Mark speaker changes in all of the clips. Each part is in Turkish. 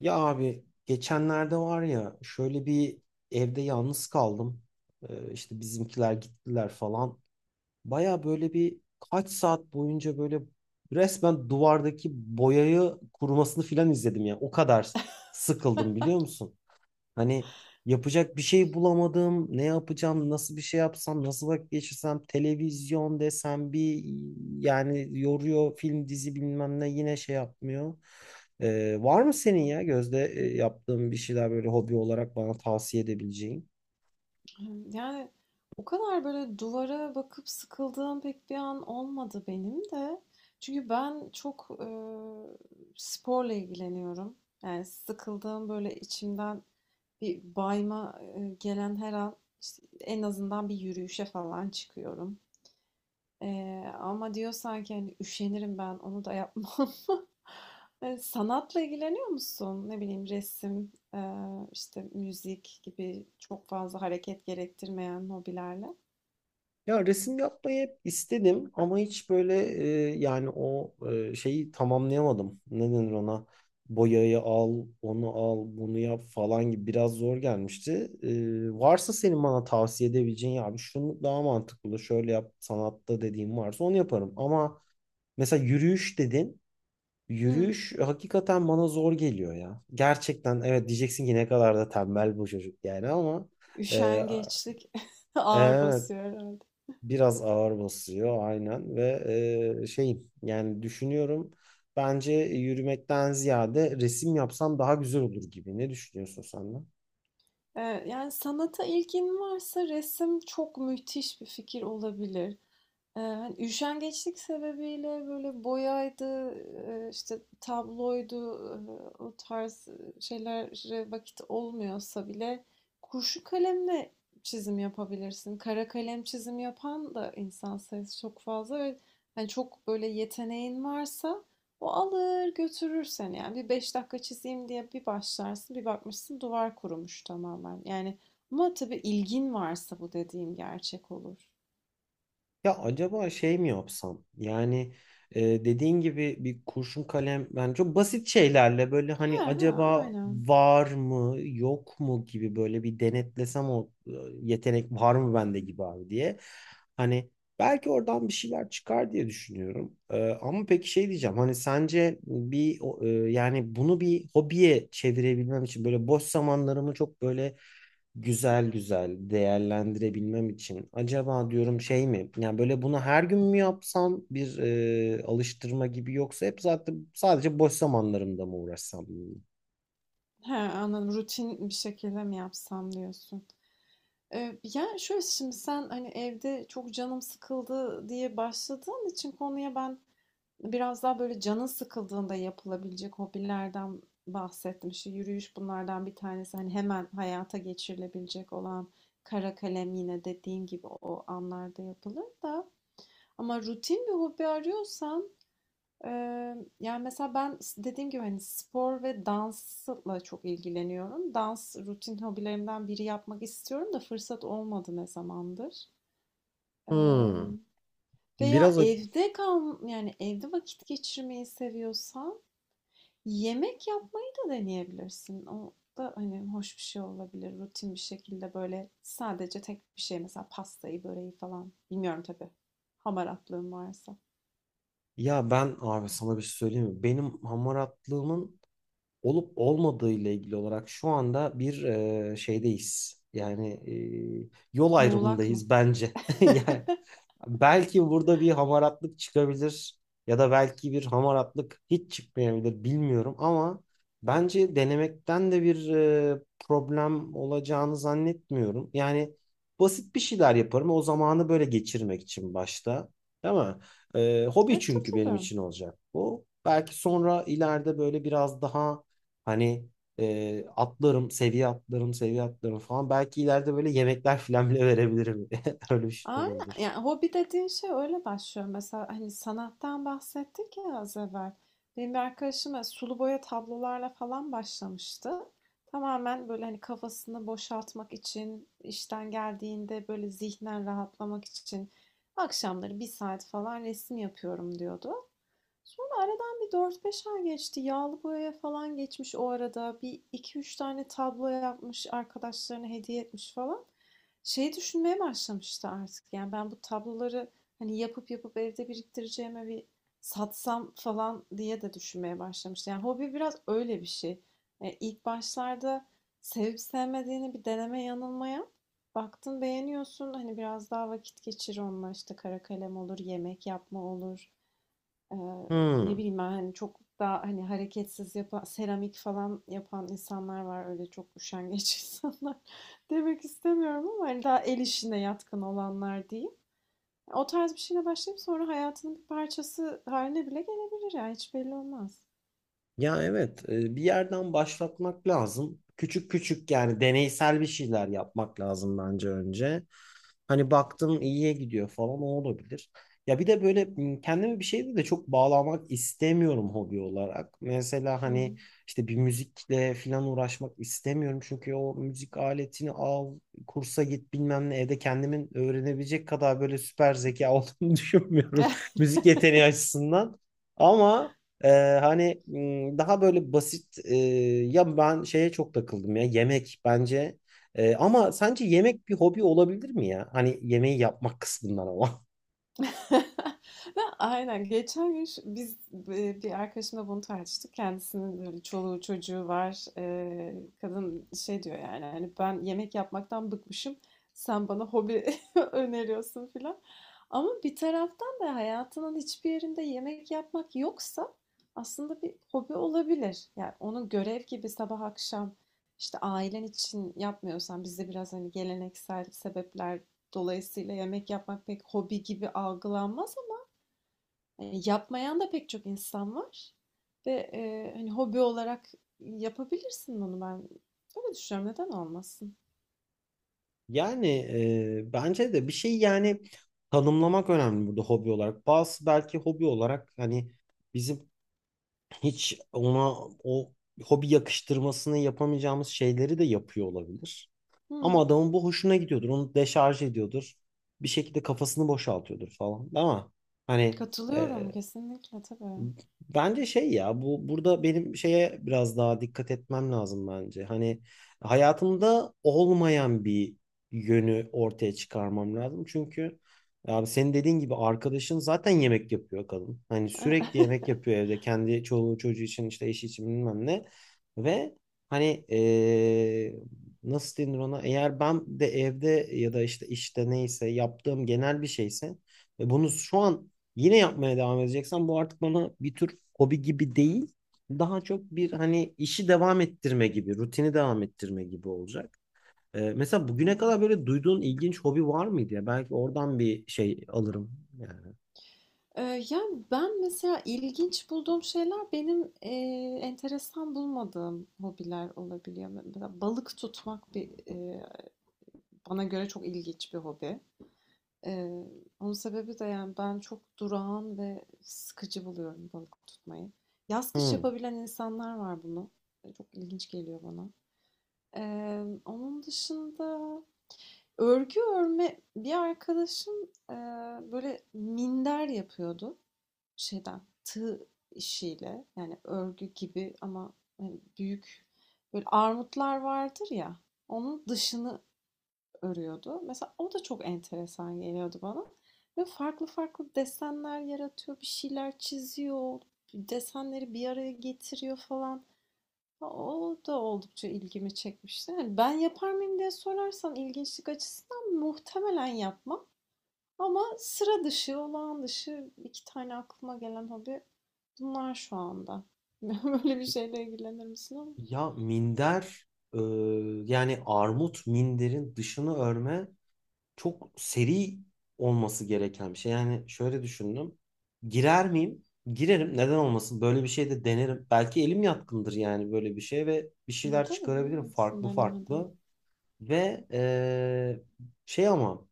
Speaker 1: Ya abi geçenlerde var ya şöyle bir evde yalnız kaldım. İşte bizimkiler gittiler falan. Baya böyle bir kaç saat boyunca böyle resmen duvardaki boyayı kurumasını filan izledim ya. O kadar sıkıldım biliyor musun? Hani yapacak bir şey bulamadım. Ne yapacağım? Nasıl bir şey yapsam? Nasıl vakit geçirsem? Televizyon desem bir yani yoruyor film dizi bilmem ne yine şey yapmıyor. Var mı senin ya Gözde yaptığın bir şeyler böyle hobi olarak bana tavsiye edebileceğin?
Speaker 2: Yani, o kadar böyle duvara bakıp sıkıldığım pek bir an olmadı benim de. Çünkü ben çok, sporla ilgileniyorum. Yani, sıkıldığım, böyle içimden bir bayma, gelen her an, işte, en azından bir yürüyüşe falan çıkıyorum. Ama diyorsan ki, hani, üşenirim ben, onu da yapmam. Sanatla ilgileniyor musun? Ne bileyim, resim, işte, müzik gibi çok fazla hareket gerektirmeyen hobilerle?
Speaker 1: Ya resim yapmayı hep istedim ama hiç böyle yani o şeyi tamamlayamadım. Ne denir ona? Boyayı al, onu al, bunu yap falan gibi biraz zor gelmişti. E, varsa senin bana tavsiye edebileceğin ya abi şunu daha mantıklı şöyle yap sanatta dediğim varsa onu yaparım. Ama mesela yürüyüş dedin.
Speaker 2: Hıı.
Speaker 1: Yürüyüş hakikaten bana zor geliyor ya. Gerçekten evet diyeceksin ki ne kadar da tembel bu çocuk yani ama e,
Speaker 2: Üşengeçlik ağır
Speaker 1: evet,
Speaker 2: basıyor herhalde.
Speaker 1: biraz ağır basıyor aynen ve şeyim yani düşünüyorum bence yürümekten ziyade resim yapsam daha güzel olur gibi. Ne düşünüyorsun sen de?
Speaker 2: Yani sanata ilgin varsa resim çok müthiş bir fikir olabilir. Hani üşengeçlik sebebiyle böyle boyaydı, işte tabloydu, o tarz şeylere vakit olmuyorsa bile kurşun kalemle çizim yapabilirsin. Kara kalem çizim yapan da insan sayısı çok fazla ve hani çok böyle yeteneğin varsa o alır götürür seni. Yani bir beş dakika çizeyim diye bir başlarsın, bir bakmışsın duvar kurumuş tamamen. Yani ama tabii ilgin varsa bu dediğim gerçek olur.
Speaker 1: Ya acaba şey mi yapsam? Yani dediğin gibi bir kurşun kalem yani çok basit şeylerle böyle hani
Speaker 2: Ha ha
Speaker 1: acaba
Speaker 2: aynen.
Speaker 1: var mı yok mu gibi böyle bir denetlesem o yetenek var mı bende gibi abi diye. Hani belki oradan bir şeyler çıkar diye düşünüyorum. E, ama peki şey diyeceğim hani sence bir o, yani bunu bir hobiye çevirebilmem için böyle boş zamanlarımı çok böyle güzel güzel değerlendirebilmem için acaba diyorum şey mi yani böyle bunu her gün mü yapsam bir alıştırma gibi yoksa hep zaten sadece boş zamanlarımda mı uğraşsam bununla?
Speaker 2: He, anladım. Rutin bir şekilde mi yapsam diyorsun. Yani şöyle şimdi sen hani evde çok canım sıkıldı diye başladığın için konuya ben biraz daha böyle canın sıkıldığında yapılabilecek hobilerden bahsettim. İşte yürüyüş bunlardan bir tanesi. Hani hemen hayata geçirilebilecek olan kara kalem yine dediğin gibi o anlarda yapılır da. Ama rutin bir hobi arıyorsan yani mesela ben dediğim gibi hani spor ve dansla çok ilgileniyorum. Dans rutin hobilerimden biri yapmak istiyorum da fırsat olmadı ne zamandır.
Speaker 1: Hmm.
Speaker 2: Eee, veya
Speaker 1: Biraz ac-
Speaker 2: evde kal, yani evde vakit geçirmeyi seviyorsan yemek yapmayı da deneyebilirsin. O da hani hoş bir şey olabilir. Rutin bir şekilde böyle sadece tek bir şey mesela pastayı, böreği falan. Bilmiyorum tabii. Hamaratlığın varsa.
Speaker 1: Ya ben abi sana bir şey söyleyeyim mi? Benim hamaratlığımın olup olmadığı ile ilgili olarak şu anda bir şeydeyiz. Yani yol
Speaker 2: Muğlak mı?
Speaker 1: ayrımındayız bence. Yani belki burada bir hamaratlık çıkabilir ya da belki bir hamaratlık hiç çıkmayabilir bilmiyorum ama bence denemekten de bir problem olacağını zannetmiyorum. Yani basit bir şeyler yaparım o zamanı böyle geçirmek için başta, değil mi? E, hobi
Speaker 2: Evet,
Speaker 1: çünkü
Speaker 2: tabii
Speaker 1: benim
Speaker 2: tabii.
Speaker 1: için olacak bu. Belki sonra ileride böyle biraz daha hani atlarım, seviye atlarım, seviye atlarım falan. Belki ileride böyle yemekler falan bile verebilirim. Öyle bir şey de
Speaker 2: Aynen.
Speaker 1: olabilir.
Speaker 2: Yani hobi dediğin şey öyle başlıyor. Mesela hani sanattan bahsettik ya az evvel. Benim bir arkadaşım böyle sulu boya tablolarla falan başlamıştı. Tamamen böyle hani kafasını boşaltmak için, işten geldiğinde böyle zihnen rahatlamak için akşamları bir saat falan resim yapıyorum diyordu. Sonra aradan bir dört beş ay geçti. Yağlı boyaya falan geçmiş o arada. Bir iki üç tane tablo yapmış, arkadaşlarına hediye etmiş falan şey düşünmeye başlamıştı artık. Yani ben bu tabloları hani yapıp yapıp evde biriktireceğime bir satsam falan diye de düşünmeye başlamıştı. Yani hobi biraz öyle bir şey. E, ilk başlarda sevip sevmediğini bir deneme yanılma yap. Baktın beğeniyorsun, hani biraz daha vakit geçir onunla, işte kara kalem olur, yemek yapma olur. Eee, ne
Speaker 1: Hmm.
Speaker 2: bileyim ben, hani çok daha hani hareketsiz yapan, seramik falan yapan insanlar var. Öyle çok üşengeç insanlar demek istemiyorum ama hani daha el işine yatkın olanlar diyeyim. O tarz bir şeyle başlayıp sonra hayatının bir parçası haline bile gelebilir ya. Hiç belli olmaz.
Speaker 1: Ya evet, bir yerden başlatmak lazım. Küçük küçük yani deneysel bir şeyler yapmak lazım bence önce. Hani baktım iyiye gidiyor falan o olabilir. Ya bir de böyle kendimi bir şeyde de çok bağlamak istemiyorum hobi olarak. Mesela hani
Speaker 2: Hmm.
Speaker 1: işte bir müzikle falan uğraşmak istemiyorum. Çünkü o müzik aletini al, kursa git bilmem ne evde kendimin öğrenebilecek kadar böyle süper zeka olduğunu düşünmüyorum. Müzik yeteneği açısından. Ama Ee, hani daha böyle basit ya ben şeye çok takıldım ya yemek bence ama sence yemek bir hobi olabilir mi ya? Hani yemeği yapmak kısmından ama.
Speaker 2: ne Aynen. Geçen gün biz e, bir arkadaşımla bunu tartıştık. Kendisinin böyle çoluğu çocuğu var. E, kadın şey diyor, yani hani ben yemek yapmaktan bıkmışım. Sen bana hobi öneriyorsun filan. Ama bir taraftan da hayatının hiçbir yerinde yemek yapmak yoksa aslında bir hobi olabilir. Yani onun görev gibi sabah akşam işte ailen için yapmıyorsan, bizde biraz hani geleneksel sebepler dolayısıyla yemek yapmak pek hobi gibi algılanmaz ama e, yapmayan da pek çok insan var. Ve e, hani hobi olarak yapabilirsin bunu ben. Öyle düşünüyorum. Neden olmasın?
Speaker 1: Yani bence de bir şey yani tanımlamak önemli burada hobi olarak. Bazı belki hobi olarak hani bizim hiç ona o hobi yakıştırmasını yapamayacağımız şeyleri de yapıyor olabilir. Ama
Speaker 2: Hı,
Speaker 1: adamın bu hoşuna gidiyordur. Onu deşarj ediyordur. Bir şekilde kafasını boşaltıyordur falan. Ama hani e,
Speaker 2: katılıyorum kesinlikle tabii.
Speaker 1: bence şey ya bu burada benim şeye biraz daha dikkat etmem lazım bence. Hani hayatımda olmayan bir yönü ortaya çıkarmam lazım. Çünkü abi senin dediğin gibi arkadaşın zaten yemek yapıyor kadın. Hani sürekli yemek yapıyor evde kendi çoluğu çocuğu için işte eşi için bilmem ne. Ve hani nasıl denir ona eğer ben de evde ya da işte işte neyse yaptığım genel bir şeyse ve bunu şu an yine yapmaya devam edeceksen bu artık bana bir tür hobi gibi değil. Daha çok bir hani işi devam ettirme gibi, rutini devam ettirme gibi olacak. Mesela bugüne
Speaker 2: Hmm.
Speaker 1: kadar böyle duyduğun ilginç hobi var mıydı ya? Belki oradan bir şey alırım yani.
Speaker 2: Yani ben mesela ilginç bulduğum şeyler benim e, enteresan bulmadığım hobiler olabiliyor. Mesela balık tutmak bir e, bana göre çok ilginç bir hobi. Eee, onun sebebi de yani ben çok durağan ve sıkıcı buluyorum balık tutmayı. Yaz kış
Speaker 1: Hmm.
Speaker 2: yapabilen insanlar var bunu. E, çok ilginç geliyor bana. Onun dışında örgü örme bir arkadaşım eee, böyle minder yapıyordu, şeyden tığ işiyle, yani örgü gibi ama hani büyük böyle armutlar vardır ya, onun dışını örüyordu. Mesela o da çok enteresan geliyordu bana. Ve farklı farklı desenler yaratıyor, bir şeyler çiziyor, desenleri bir araya getiriyor falan. O da oldukça ilgimi çekmişti. Yani ben yapar mıyım diye sorarsan ilginçlik açısından muhtemelen yapmam. Ama sıra dışı, olağan dışı iki tane aklıma gelen hobi bunlar şu anda. Böyle bir şeyle ilgilenir misin ama?
Speaker 1: Ya minder, e, yani armut minderin dışını örme çok seri olması gereken bir şey. Yani şöyle düşündüm. Girer miyim? Girerim. Neden olmasın? Böyle bir şey de denerim. Belki elim yatkındır yani böyle bir şey ve bir şeyler
Speaker 2: Tabii
Speaker 1: çıkarabilirim
Speaker 2: bilemezsin
Speaker 1: farklı
Speaker 2: denemeden.
Speaker 1: farklı. Ve şey ama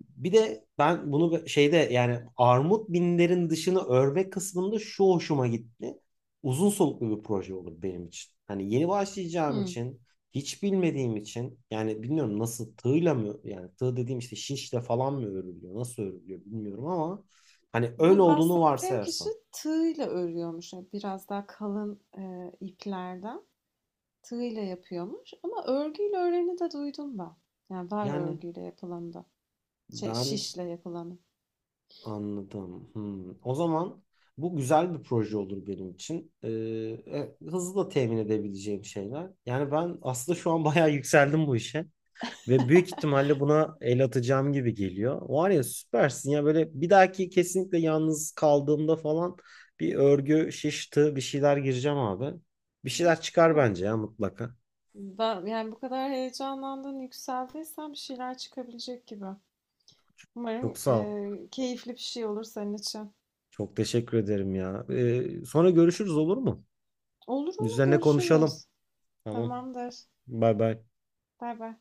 Speaker 1: bir de ben bunu şeyde yani armut binlerin dışını örme kısmında şu hoşuma gitti. Uzun soluklu bir proje olur benim için. Hani yeni başlayacağım
Speaker 2: Hı.
Speaker 1: için, hiç bilmediğim için yani bilmiyorum nasıl tığla mı yani tığ dediğim işte şişle falan mı örülüyor, nasıl örülüyor bilmiyorum ama hani öyle
Speaker 2: Bu
Speaker 1: olduğunu
Speaker 2: bahsettiğim kişi
Speaker 1: varsayarsam
Speaker 2: tığıyla örüyormuş. Yani biraz daha kalın e, iplerden tığıyla yapıyormuş. Ama örgüyle öreni de duydum ben. Yani var
Speaker 1: yani
Speaker 2: örgüyle yapılanı da. Şey,
Speaker 1: ben
Speaker 2: şişle yapılanı.
Speaker 1: anladım. Hmm. O zaman bu güzel bir proje olur benim için. Hızlı da temin edebileceğim şeyler. Yani ben aslında şu an bayağı yükseldim bu işe. Ve büyük ihtimalle buna el atacağım gibi geliyor. Var ya süpersin ya böyle bir dahaki kesinlikle yalnız kaldığımda falan bir örgü, şiş, tığ bir şeyler gireceğim abi. Bir
Speaker 2: Ama
Speaker 1: şeyler çıkar
Speaker 2: süper.
Speaker 1: bence ya mutlaka.
Speaker 2: Ben, yani bu kadar heyecanlandın, yükseldiysen bir şeyler çıkabilecek gibi.
Speaker 1: Çok
Speaker 2: Umarım
Speaker 1: sağ ol.
Speaker 2: e, keyifli bir şey olur senin için.
Speaker 1: Çok teşekkür ederim ya. Sonra görüşürüz, olur mu?
Speaker 2: Olur olur,
Speaker 1: Üzerine konuşalım.
Speaker 2: görüşürüz.
Speaker 1: Tamam.
Speaker 2: Tamamdır.
Speaker 1: Bay bay.
Speaker 2: Bay bay.